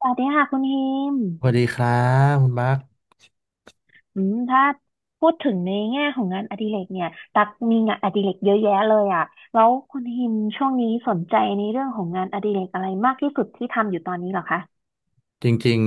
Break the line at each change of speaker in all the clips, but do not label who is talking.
สวัสดีค่ะคุณฮิม
สวัสดีครับคุณมาร์ค
ถ้าพูดถึงในแง่ของงานอดิเรกเนี่ยตักมีงานอดิเรกเยอะแยะเลยอ่ะแล้วคุณฮิมช่วงนี้สนใจในเรื่องของงานอดิเรกอะไรมากที่สุดที่ทำอยู่ตอนนี้เหรอคะ
จริง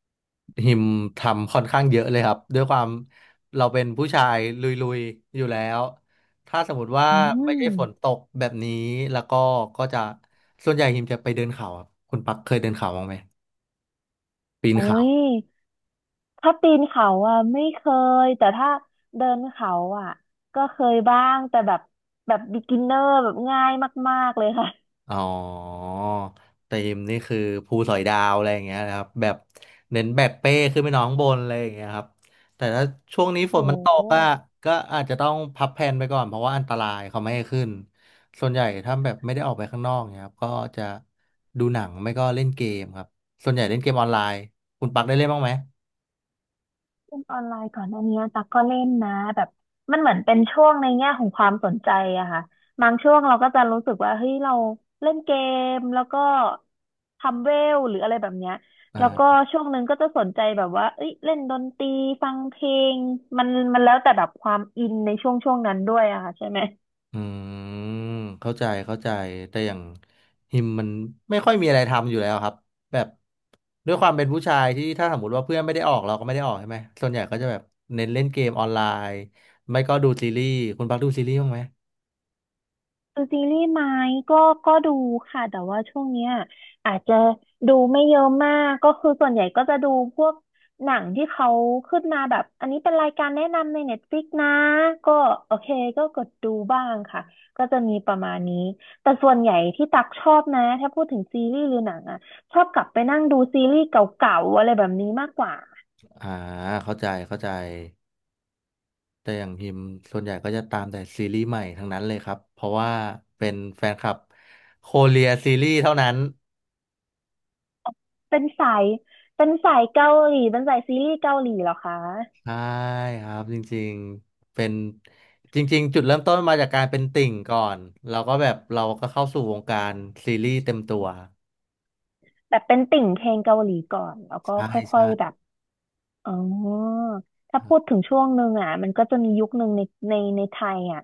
ๆหิมทำค่อนข้างเยอะเลยครับด้วยความเราเป็นผู้ชายลุยๆอยู่แล้วถ้าสมมติว่า
อื
ไม่ใช่ฝนต
ม
กแบบนี้แล้วก็ก็จะส่วนใหญ่หิมจะไปเดินเขาครับคุณปักเคยเดินเขาบ้างไหมปีน
โอ้
เขา
ยถ้าปีนเขาอ่ะไม่เคยแต่ถ้าเดินเขาอ่ะก็เคยบ้างแต่แบบแบบ beginner แบบง่ายมากๆเลยค่ะ
อ๋อเตีมนี่คือภูสอยดาวอะไรอย่างเงี้ยนะครับแบบเน้นแบกเป้ขึ้นไปนอนข้างบนอะไรอย่างเงี้ยครับแต่ถ้าช่วงนี้ฝน
โอ้
มันตกอะก็อาจจะต้องพับแผนไปก่อนเพราะว่าอันตรายเขาไม่ให้ขึ้นส่วนใหญ่ถ้าแบบไม่ได้ออกไปข้างนอกเนี่ยครับก็จะดูหนังไม่ก็เล่นเกมครับส่วนใหญ่เล่นเกมออนไลน์คุณปักได้เล่นบ้างไหม
เล่นออนไลน์ก่อนหน้านี้ตักก็เล่นนะแบบมันเหมือนเป็นช่วงในแง่ของความสนใจอะค่ะบางช่วงเราก็จะรู้สึกว่าเฮ้ยเราเล่นเกมแล้วก็ทำเวลหรืออะไรแบบเนี้ยแล้วก็
อ่า
ช่วงหนึ่งก็จะสนใจแบบว่าเอ้ยเล่นดนตรีฟังเพลงมันมันแล้วแต่แบบความอินในช่วงนั้นด้วยอะค่ะใช่ไหม
อืมเข้าใจเข้าใจแต่อย่างฮิมมันไม่ค่อยมีอะไรทำอยู่แล้วครับแบบด้วยความเป็นผู้ชายที่ถ้าสมมติว่าเพื่อนไม่ได้ออกเราก็ไม่ได้ออกใช่ไหมส่วนใหญ่ก็จะแบบเน้นเล่นเกมออนไลน์ไม่ก็ดูซีรีส์คุณพักดูซีรีส์บ้างไหม
ดูซีรีส์ไหมก็ก็ดูค่ะแต่ว่าช่วงเนี้ยอาจจะดูไม่เยอะมากก็คือส่วนใหญ่ก็จะดูพวกหนังที่เขาขึ้นมาแบบอันนี้เป็นรายการแนะนำใน Netflix นะก็โอเคก็กดดูบ้างค่ะก็จะมีประมาณนี้แต่ส่วนใหญ่ที่ตักชอบนะถ้าพูดถึงซีรีส์หรือหนังอ่ะชอบกลับไปนั่งดูซีรีส์เก่าๆอะไรแบบนี้มากกว่า
อ่าเข้าใจเข้าใจแต่อย่างฮิมส่วนใหญ่ก็จะตามแต่ซีรีส์ใหม่ทั้งนั้นเลยครับเพราะว่าเป็นแฟนคลับโคเรียซีรีส์เท่านั้น
เป็นสายเป็นสายเกาหลีเป็นสายซีรีส์เกาหลีเหรอคะ
ใช่ครับจริงๆเป็นจริงๆจุดเริ่มต้นมาจากการเป็นติ่งก่อนเราก็แบบเราก็เข้าสู่วงการซีรีส์เต็มตัว
แบบเป็นติ่งเพลงเกาหลีก่อนแล้วก็
ใช่
ค่อ
ใช่
ยๆแบบอ๋อถ้า
ครั
พูด
บ
ถึงช่วงหนึ่งอ่ะมันก็จะมียุคหนึ่งในในไทยอ่ะ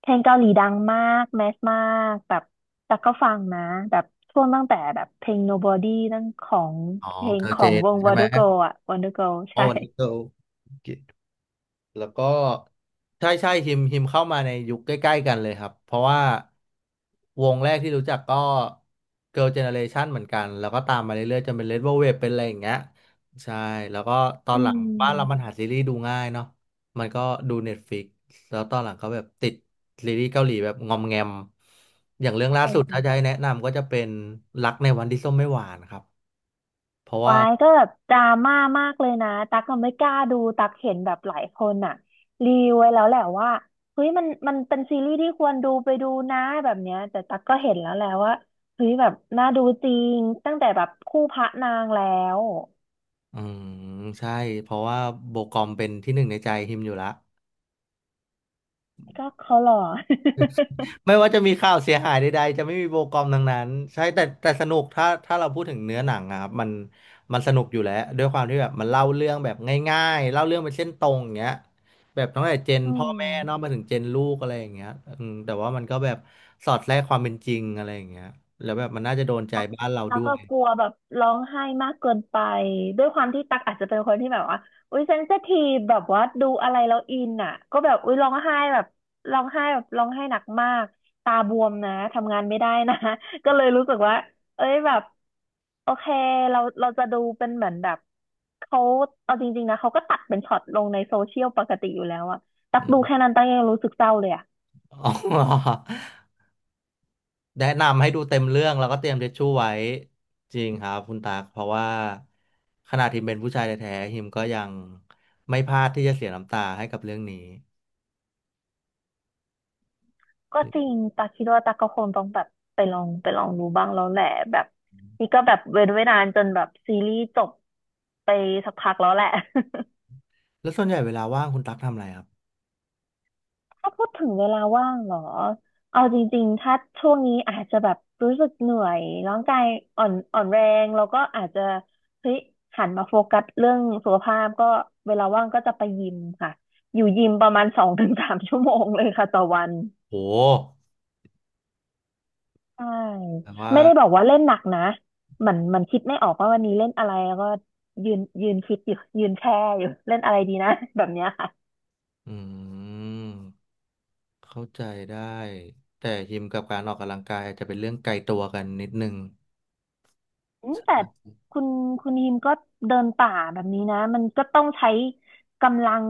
เพลงเกาหลีดังมากแมสมากแบบแต่ก็ฟังนะแบบช่วงตั้งแต่แบบเพลง Nobody นั่นของ
อ๋อ
เพลง
เกิร์ล
ข
เจ
อง
น
วง
ใช่ไหม
Wonder Girl อ่ะ Wonder Girl
โอ้
ใช่
วันนี้เกิร์ล แล้วก็ใช่ใช่ฮิมเข้ามาในยุคใกล้ๆกันเลยครับเพราะว่าวงแรกที่รู้จักก็ Girl Generation เหมือนกันแล้วก็ตามมาเรื่อยๆจนเป็น Red Velvet เป็นอะไรอย่างเงี้ยใช่แล้วก็ตอ
อื
นหลังบ้านเรามัน
ม
หาซีรีส์ดูง่ายเนาะมันก็ดู Netflix แล้วตอนหลังก็แบบติดซีรีส์เกาหลีแบบงอมแงมอย่างเรื่องล่าสุดถ้าจะให้แนะนำก็จะเป็นรักในวันที่ส้มไม่หวานครับเพราะว่า
วายก็แบบดราม่ามากเลยนะตักก็ไม่กล้าดูตักเห็นแบบหลายคนอ่ะรีวิวไว้แล้วแหละว่าเฮ้ยมันมันเป็นซีรีส์ที่ควรดูไปดูนะแบบเนี้ยแต่ตักก็เห็นแล้วแหละว่าเฮ้ยแบบน่าดูจริงตั้งแต่แบบคู่พระนางแล้ว
อืมใช่เพราะว่าโบกอมเป็นที่หนึ่งในใจฮิมอยู่ละ
ก็เขาหล่อ
ไม่ว่าจะมีข่าวเสียหายใดๆจะไม่มีโบกอมทั้งนั้นใช่แต่สนุกถ้าเราพูดถึงเนื้อหนังอะครับมันสนุกอยู่แล้วด้วยความที่แบบมันเล่าเรื่องแบบง่ายๆเล่าเรื่องเป็นเส้นตรงอย่างเงี้ยแบบตั้งแต่เจน
อื
พ่อ
ม
แม่เนอกมาถึงเจนลูกอะไรอย่างเงี้ยอืมแต่ว่ามันก็แบบสอดแทรกความเป็นจริงอะไรอย่างเงี้ยแล้วแบบมันน่าจะโดนใจ
ตั๊ก
บ้านเรา
ตั๊
ด้
ก
ว
ก็
ย
กลัวแบบร้องไห้มากเกินไปด้วยความที่ตั๊กอาจจะเป็นคนที่แบบว่าอุ้ยเซนซิทีฟแบบว่าดูอะไรแล้วอินอ่ะก็แบบอุ้ยร้องไห้แบบร้องไห้แบบร้องไห้หนักมากตาบวมนะทำงานไม่ได้นะ ก็เลยรู้สึกว่าเอ้ยแบบโอเคเเราจะดูเป็นเหมือนแบบเขาเอาจริงๆนะเขาก็ตัดเป็นช็อตลงในโซเชียลปกติอยู่แล้วอะตั
อื
กดู
ม
แค่นั้นตักยังรู้สึกเศร้าเลยอะ
อ๋อ แนะนำให้ดูเต็มเรื่องแล้วก็เตรียมทิชชู่ไว้จริงครับคุณตากเพราะว่าขนาดฮิมเป็นผู้ชายแท้ๆฮิมก็ยังไม่พลาดที่จะเสียน้ำตาให้กับเรื่องนี้
ก็จริงตาคิดว่าตาก็คงต้องแบบไปลองไปลองดูบ้างแล้วแหละแบบนี่ก็แบบเว้นไว้นานจนแบบซีรีส์จบไปสักพักแล้วแหละ
แล้วส่วนใหญ่เวลาว่างคุณตักทำอะไรครับ
ถ้าพูดถึงเวลาว่างเหรอเอาจริงๆถ้าช่วงนี้อาจจะแบบรู้สึกเหนื่อยร่างกายอ่อนแรงแล้วก็อาจจะเฮ้ยหันมาโฟกัสเรื่องสุขภาพก็เวลาว่างก็จะไปยิมค่ะอยู่ยิมประมาณ2 ถึง 3 ชั่วโมงเลยค่ะต่อวัน
โห
ใช่
แต่ว่า
ไม่ได้บอกว่าเล่นหนักนะเหมือนเหมันคิดไม่ออกว่าวันนี้เล่นอะไรแล้วก็ยืนคิดอยู่ยืนแช่อยู่เล่นอะไรดีนะ แบบเนี้ยค่ะ
อืมเข้าใจได้แต่ฮิมกับการออกกำลังกายอาจจะเป็นเรื่องไกลตัวกันนิดนึง
อืมแต่คุณคุณฮิมก็เดินป่าแบบนี้นะมันก็ต้องใช้กำลัง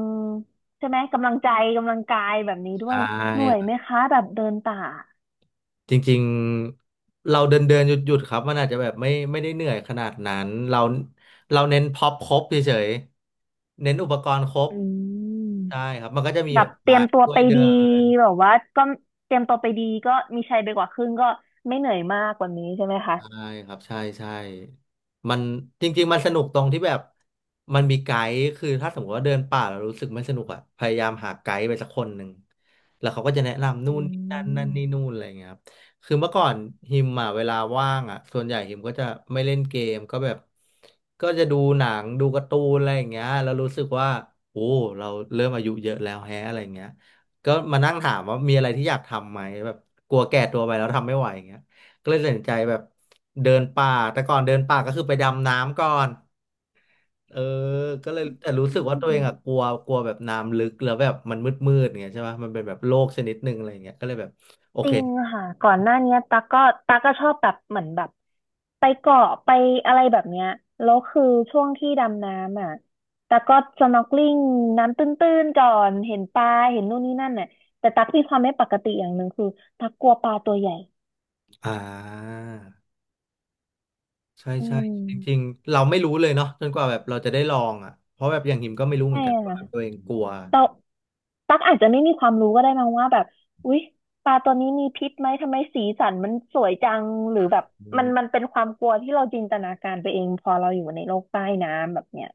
ใช่ไหมกำลังใจกำลังกายแบบนี้ด้ว
ใช่
ยเหนื่อย
ครั
ไหม
บ
คะแบบเดินป่า
จริงๆเราเดินเดินหยุดหยุดๆครับมันอาจจะแบบไม่ได้เหนื่อยขนาดนั้นเราเน้นพ็อปครบเฉย เน้นอุปกรณ์ครบ
อืม
ใช่ครับมันก็จะมี
แบ
แบ
บ
บ
เตรี
ไม้
ยมตัว
ช่ว
ไป
ยเดิ
ดีแบบว่าก็เตรียมตัวไปดีก็มีชัยไปกว่าครึ่งก็ไม่เหนื่อยมากกว่านี้ใช่ไหมคะ
ใช่ครับใช่ใช่มันจริงๆมันสนุกตรงที่แบบมันมีไกด์คือถ้าสมมติว่าเดินป่าแล้วรู้สึกไม่สนุกอ่ะพยายามหาไกด์ไปสักคนหนึ่งแล้วเขาก็จะแนะนำนู่
อ
นนี่นั่น
ื
นั่นนี่นู่นอะไรอย่างเงี้ยครับคือเมื่อก่อนฮิมอ่ะเวลาว่างอ่ะส่วนใหญ่ฮิมก็จะไม่เล่นเกมก็แบบก็จะดูหนังดูการ์ตูนอะไรอย่างเงี้ยแล้วรู้สึกว่าโอ้เราเริ่มอายุเยอะแล้วแฮะอะไรอย่างเงี้ยก็มานั่งถามว่ามีอะไรที่อยากทำไหมแบบกลัวแก่ตัวไปแล้วทำไม่ไหว ก็เลยตัดสินใจแบบเดินป่าแต่ก่อนเดินป่าก็คือไปดำน้ำก่อนเออก็เลยแต่รู้สึกว่าตัวเอ
ม
งอะกลัวกลัวแบบน้ำลึกแล้วแบบมันมืดอย่างเงี้ยใช่ปะมันเป็นแบบโลกชนิดหนึ่งอะไรอย่างเงี้ยก็เลยแบบโอ
จ
เค
ริงค่ะก่อนหน้าเนี้ยก็ตั๊กก็ชอบแบบเหมือนแบบไปเกาะไปอะไรแบบเนี้ยแล้วคือช่วงที่ดำน้ำอ่ะตั๊กก็สน็อก ELIN น้ำตื้นๆก่อนเห็นปลาเห็นนู่นนี่นั่นน่ะแต่ตั๊กมีความไม่ปกติอย่างหนึ่งคือตั๊กกลัวปลาตัวใหญ่
อ่าใช่
อื
ใช่
ม
จริงๆเราไม่รู้เลยเนาะจนกว่าแบบเราจะได้ลองอ่ะเพราะแบบอย่างหิมก็ไม่รู้เหมื
ใช่
อนกันว่าแบบตั
ค่
วเองกลัว
ะ ตั๊กอาจจะไม่มีความรู้ก็ได้มั้งว่าแบบอุ๊ยปลาตัวนี้มีพิษไหมทำไมสีสันมันสวยจังหรือแบบมันมันเป็นความกลัวที่เราจินตนาการไปเองพอเราอยู่ในโลกใต้น้ำแบบเนี้ย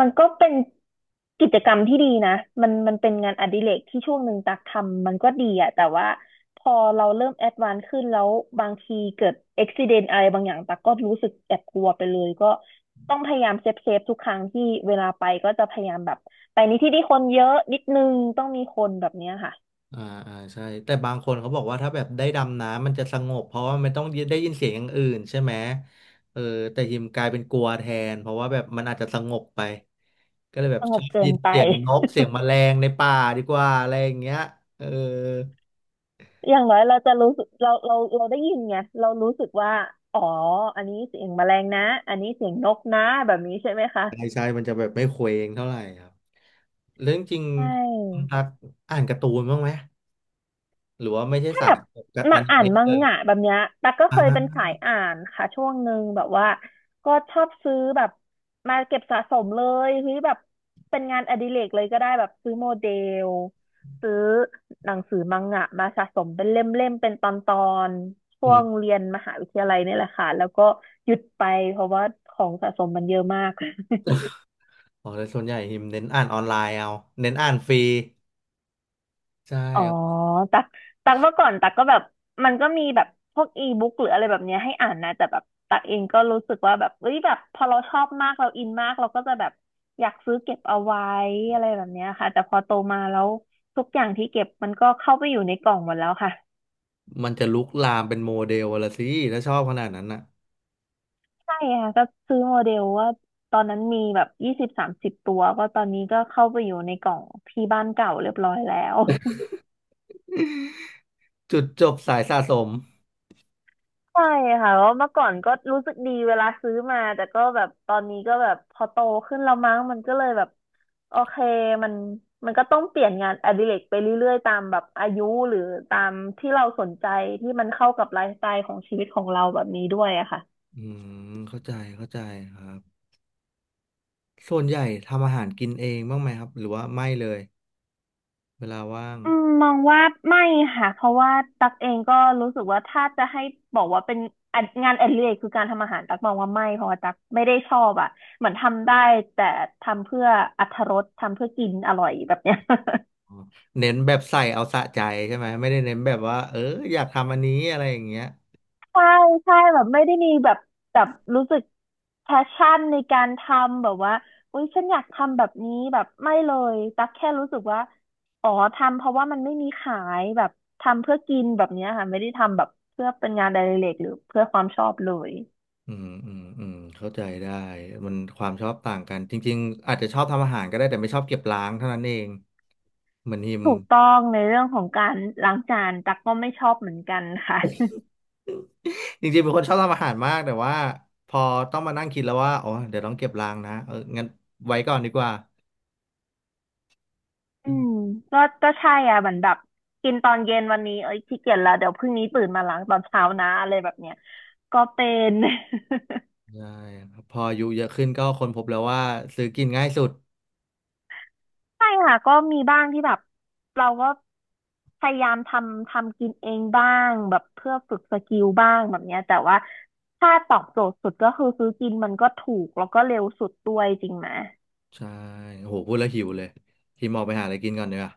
มันก็เป็นกิจกรรมที่ดีนะมันมันเป็นงานอดิเรกที่ช่วงหนึ่งตักทำมันก็ดีอะแต่ว่าพอเราเริ่มแอดวานซ์ขึ้นแล้วบางทีเกิดอุบิเหตุอะไรบางอย่างตักก็รู้สึกแอบกลัวไปเลยก็ต้องพยายามเซฟเซฟทุกครั้งที่เวลาไปก็จะพยายามแบบ แต่นี้ที่คนเยอะนิดนึงต้องมีคนแบบเนี้ยค่ะ
อ่าอ่าใช่แต่บางคนเขาบอกว่าถ้าแบบได้ดำน้ำมันจะสงบเพราะว่ามันต้องได้ยินเสียงอย่างอื่นใช่ไหมเออแต่ฮิมกลายเป็นกลัวแทนเพราะว่าแบบมันอาจจะสงบไปก็เลยแบ
ส
บ
ง
ชอ
บ
บ
เกิ
ยิ
น
น
ไป
เสียงนกเสียงแมลงในป่าดีกว่าอะไรอย่างเงี้ยเออ
อย่างน้อยเราจะรู้สึกเราได้ยินไงเรารู้สึกว่าอ๋ออันนี้เสียงแมลงนะอันนี้เสียงนกนะแบบนี้ใช่ไหมคะ
ใช่ใช่มันจะแบบไม่เคว้งเท่าไหร่ครับเรื่องจริง
ใช
คุณ
่
ตักอ่านการ์ตูนบ้างไหมหรือว่าไม่ใช่
ถ้า
สา
แบ
ย
บ
กับอ
มา
นิ
อ่าน
เมะ
มั
เล
ง
ย
งะแบบเนี้ยตั๊กก็เคยเป็น
อ่า
สายอ่านค่ะช่วงหนึ่งแบบว่าก็ชอบซื้อแบบมาเก็บสะสมเลยเฮ้ยแบบเป็นงานอดิเรกเลยก็ได้แบบซื้อโมเดลซื้อหนังสือมังงะมาสะสมเป็นเล่มๆเป็นตอนๆช่ว
อืม
งเรียนมหาวิทยาลัยนี่แหละค่ะแล้วก็หยุดไปเพราะว่าของสะสมมันเยอะมาก
อ๋อแล้วส่วนใหญ่ฮิมเน้นอ่านออนไลน์เอาเน้นอ่านฟรีใช่
อ๋อ
ครับ
ตักเมื่อก่อนตักก็แบบมันก็มีแบบพวกอีบุ๊กหรืออะไรแบบเนี้ยให้อ่านนะแต่แบบตักเองก็รู้สึกว่าแบบเอ้ยแบบพอเราชอบมากเราอินมากเราก็จะแบบอยากซื้อเก็บเอาไว้อะไรแบบเนี้ยค่ะแต่พอโตมาแล้วทุกอย่างที่เก็บมันก็เข้าไปอยู่ในกล่องหมดแล้วค่ะ
มันจะลุกลามเป็นโมเดลละสิถ้าชอบขนาดนั้นน่ะ
ใช่ค่ะก็ซื้อโมเดลว่าตอนนั้นมีแบบ20-30ตัวก็ตอนนี้ก็เข้าไปอยู่ในกล่องที่บ้านเก่าเรียบร้อยแล้ว
จุดจบสายสะสม
ใช่ค่ะเพราะเมื่อก่อนก็รู้สึกดีเวลาซื้อมา แต่ก็แบบตอนนี้ก็แบบพอโตขึ้นแล้วมั้งมันก็เลยแบบโอเคมันมันก็ต้องเปลี่ยนงานอดิเรกไปเรื่อยๆตามแบบอายุหรือตามที่เราสนใจที่มันเข้ากับไลฟ์สไตล์ของชีวิตของเราแบบนี้ด้วยอะค่ะ
อืมเข้าใจเข้าใจครับส่วนใหญ่ทำอาหารกินเองบ้างไหมครับหรือว่าไม่เลยเวลาว่าง
อืมมองว่าไม่ค่ะเพราะว่าตักเองก็รู้สึกว่าถ้าจะให้บอกว่าเป็นอะงานอดิเรกคือการทำอาหารตักมองว่าไม่เพราะว่าตักไม่ได้ชอบอ่ะเหมือนทำได้แต่ทำเพื่ออรรถรสทำเพื่อกินอร่อยแบบเนี้ย
อ๋อเน้นแบบใส่เอาสะใจใช่ไหมไม่ได้เน้นแบบว่าเอออยากทำอันนี้อะไรอย่างเงี้ย
ใช่ใช่แบบไม่ได้มีแบบแบบรู้สึกแพชชั่นในการทำแบบว่าอุ๊ยฉันอยากทำแบบนี้แบบไม่เลยตักแค่รู้สึกว่าอ๋อทำเพราะว่ามันไม่มีขายแบบทำเพื่อกินแบบเนี้ยค่ะไม่ได้ทำแบบเพื่อเป็นงานอดิเรกหรือเพื่อความชอบเลย
อืมเข้าใจได้มันความชอบต่างกันจริงๆอาจจะชอบทำอาหารก็ได้แต่ไม่ชอบเก็บล้างเท่านั้นเองเหมือนฮิม
ถูกต้องในเรื่องของการล้างจานตักก็ไม่ชอบเหมือนกันค่ะ
จริงๆเป็นคนชอบทำอาหารมากแต่ว่าพอต้องมานั่งคิดแล้วว่าอ๋อเดี๋ยวต้องเก็บรางนะเอองั้นไว้ก่อนดีกว่า
อืมก็ก็ใช่อ่ะเหมือนแบบกินตอนเย็นวันนี้เอ้ยขี้เกียจแล้วเดี๋ยวพรุ่งนี้ตื่นมาล้างตอนเช้านะอะไรแบบเนี้ยก็เป็น
ใช่ครับพออายุเยอะขึ้นก็ค้นพบแล้วว่าซื้อกินง่ายสุด
ใช่ค่ะก็มีบ้างที่แบบเราก็พยายามทำทำกินเองบ้างแบบเพื่อฝึกสกิลบ้างแบบเนี้ยแต่ว่าถ้าตอบโจทย์สุดก็คือซื้อกินมันก็ถูกแล้วก็เร็วสุดด้วยจริงไหม
ใช่โหพูดแล้วหิวเลยพี่มออกไปหาอะไรกินก่อนเนีกว่ย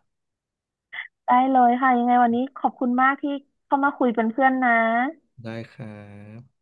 ได้เลยค่ะยังไงวันนี้ขอบคุณมากที่เข้ามาคุยเป็นเพื่อนนะ
ได้ครับ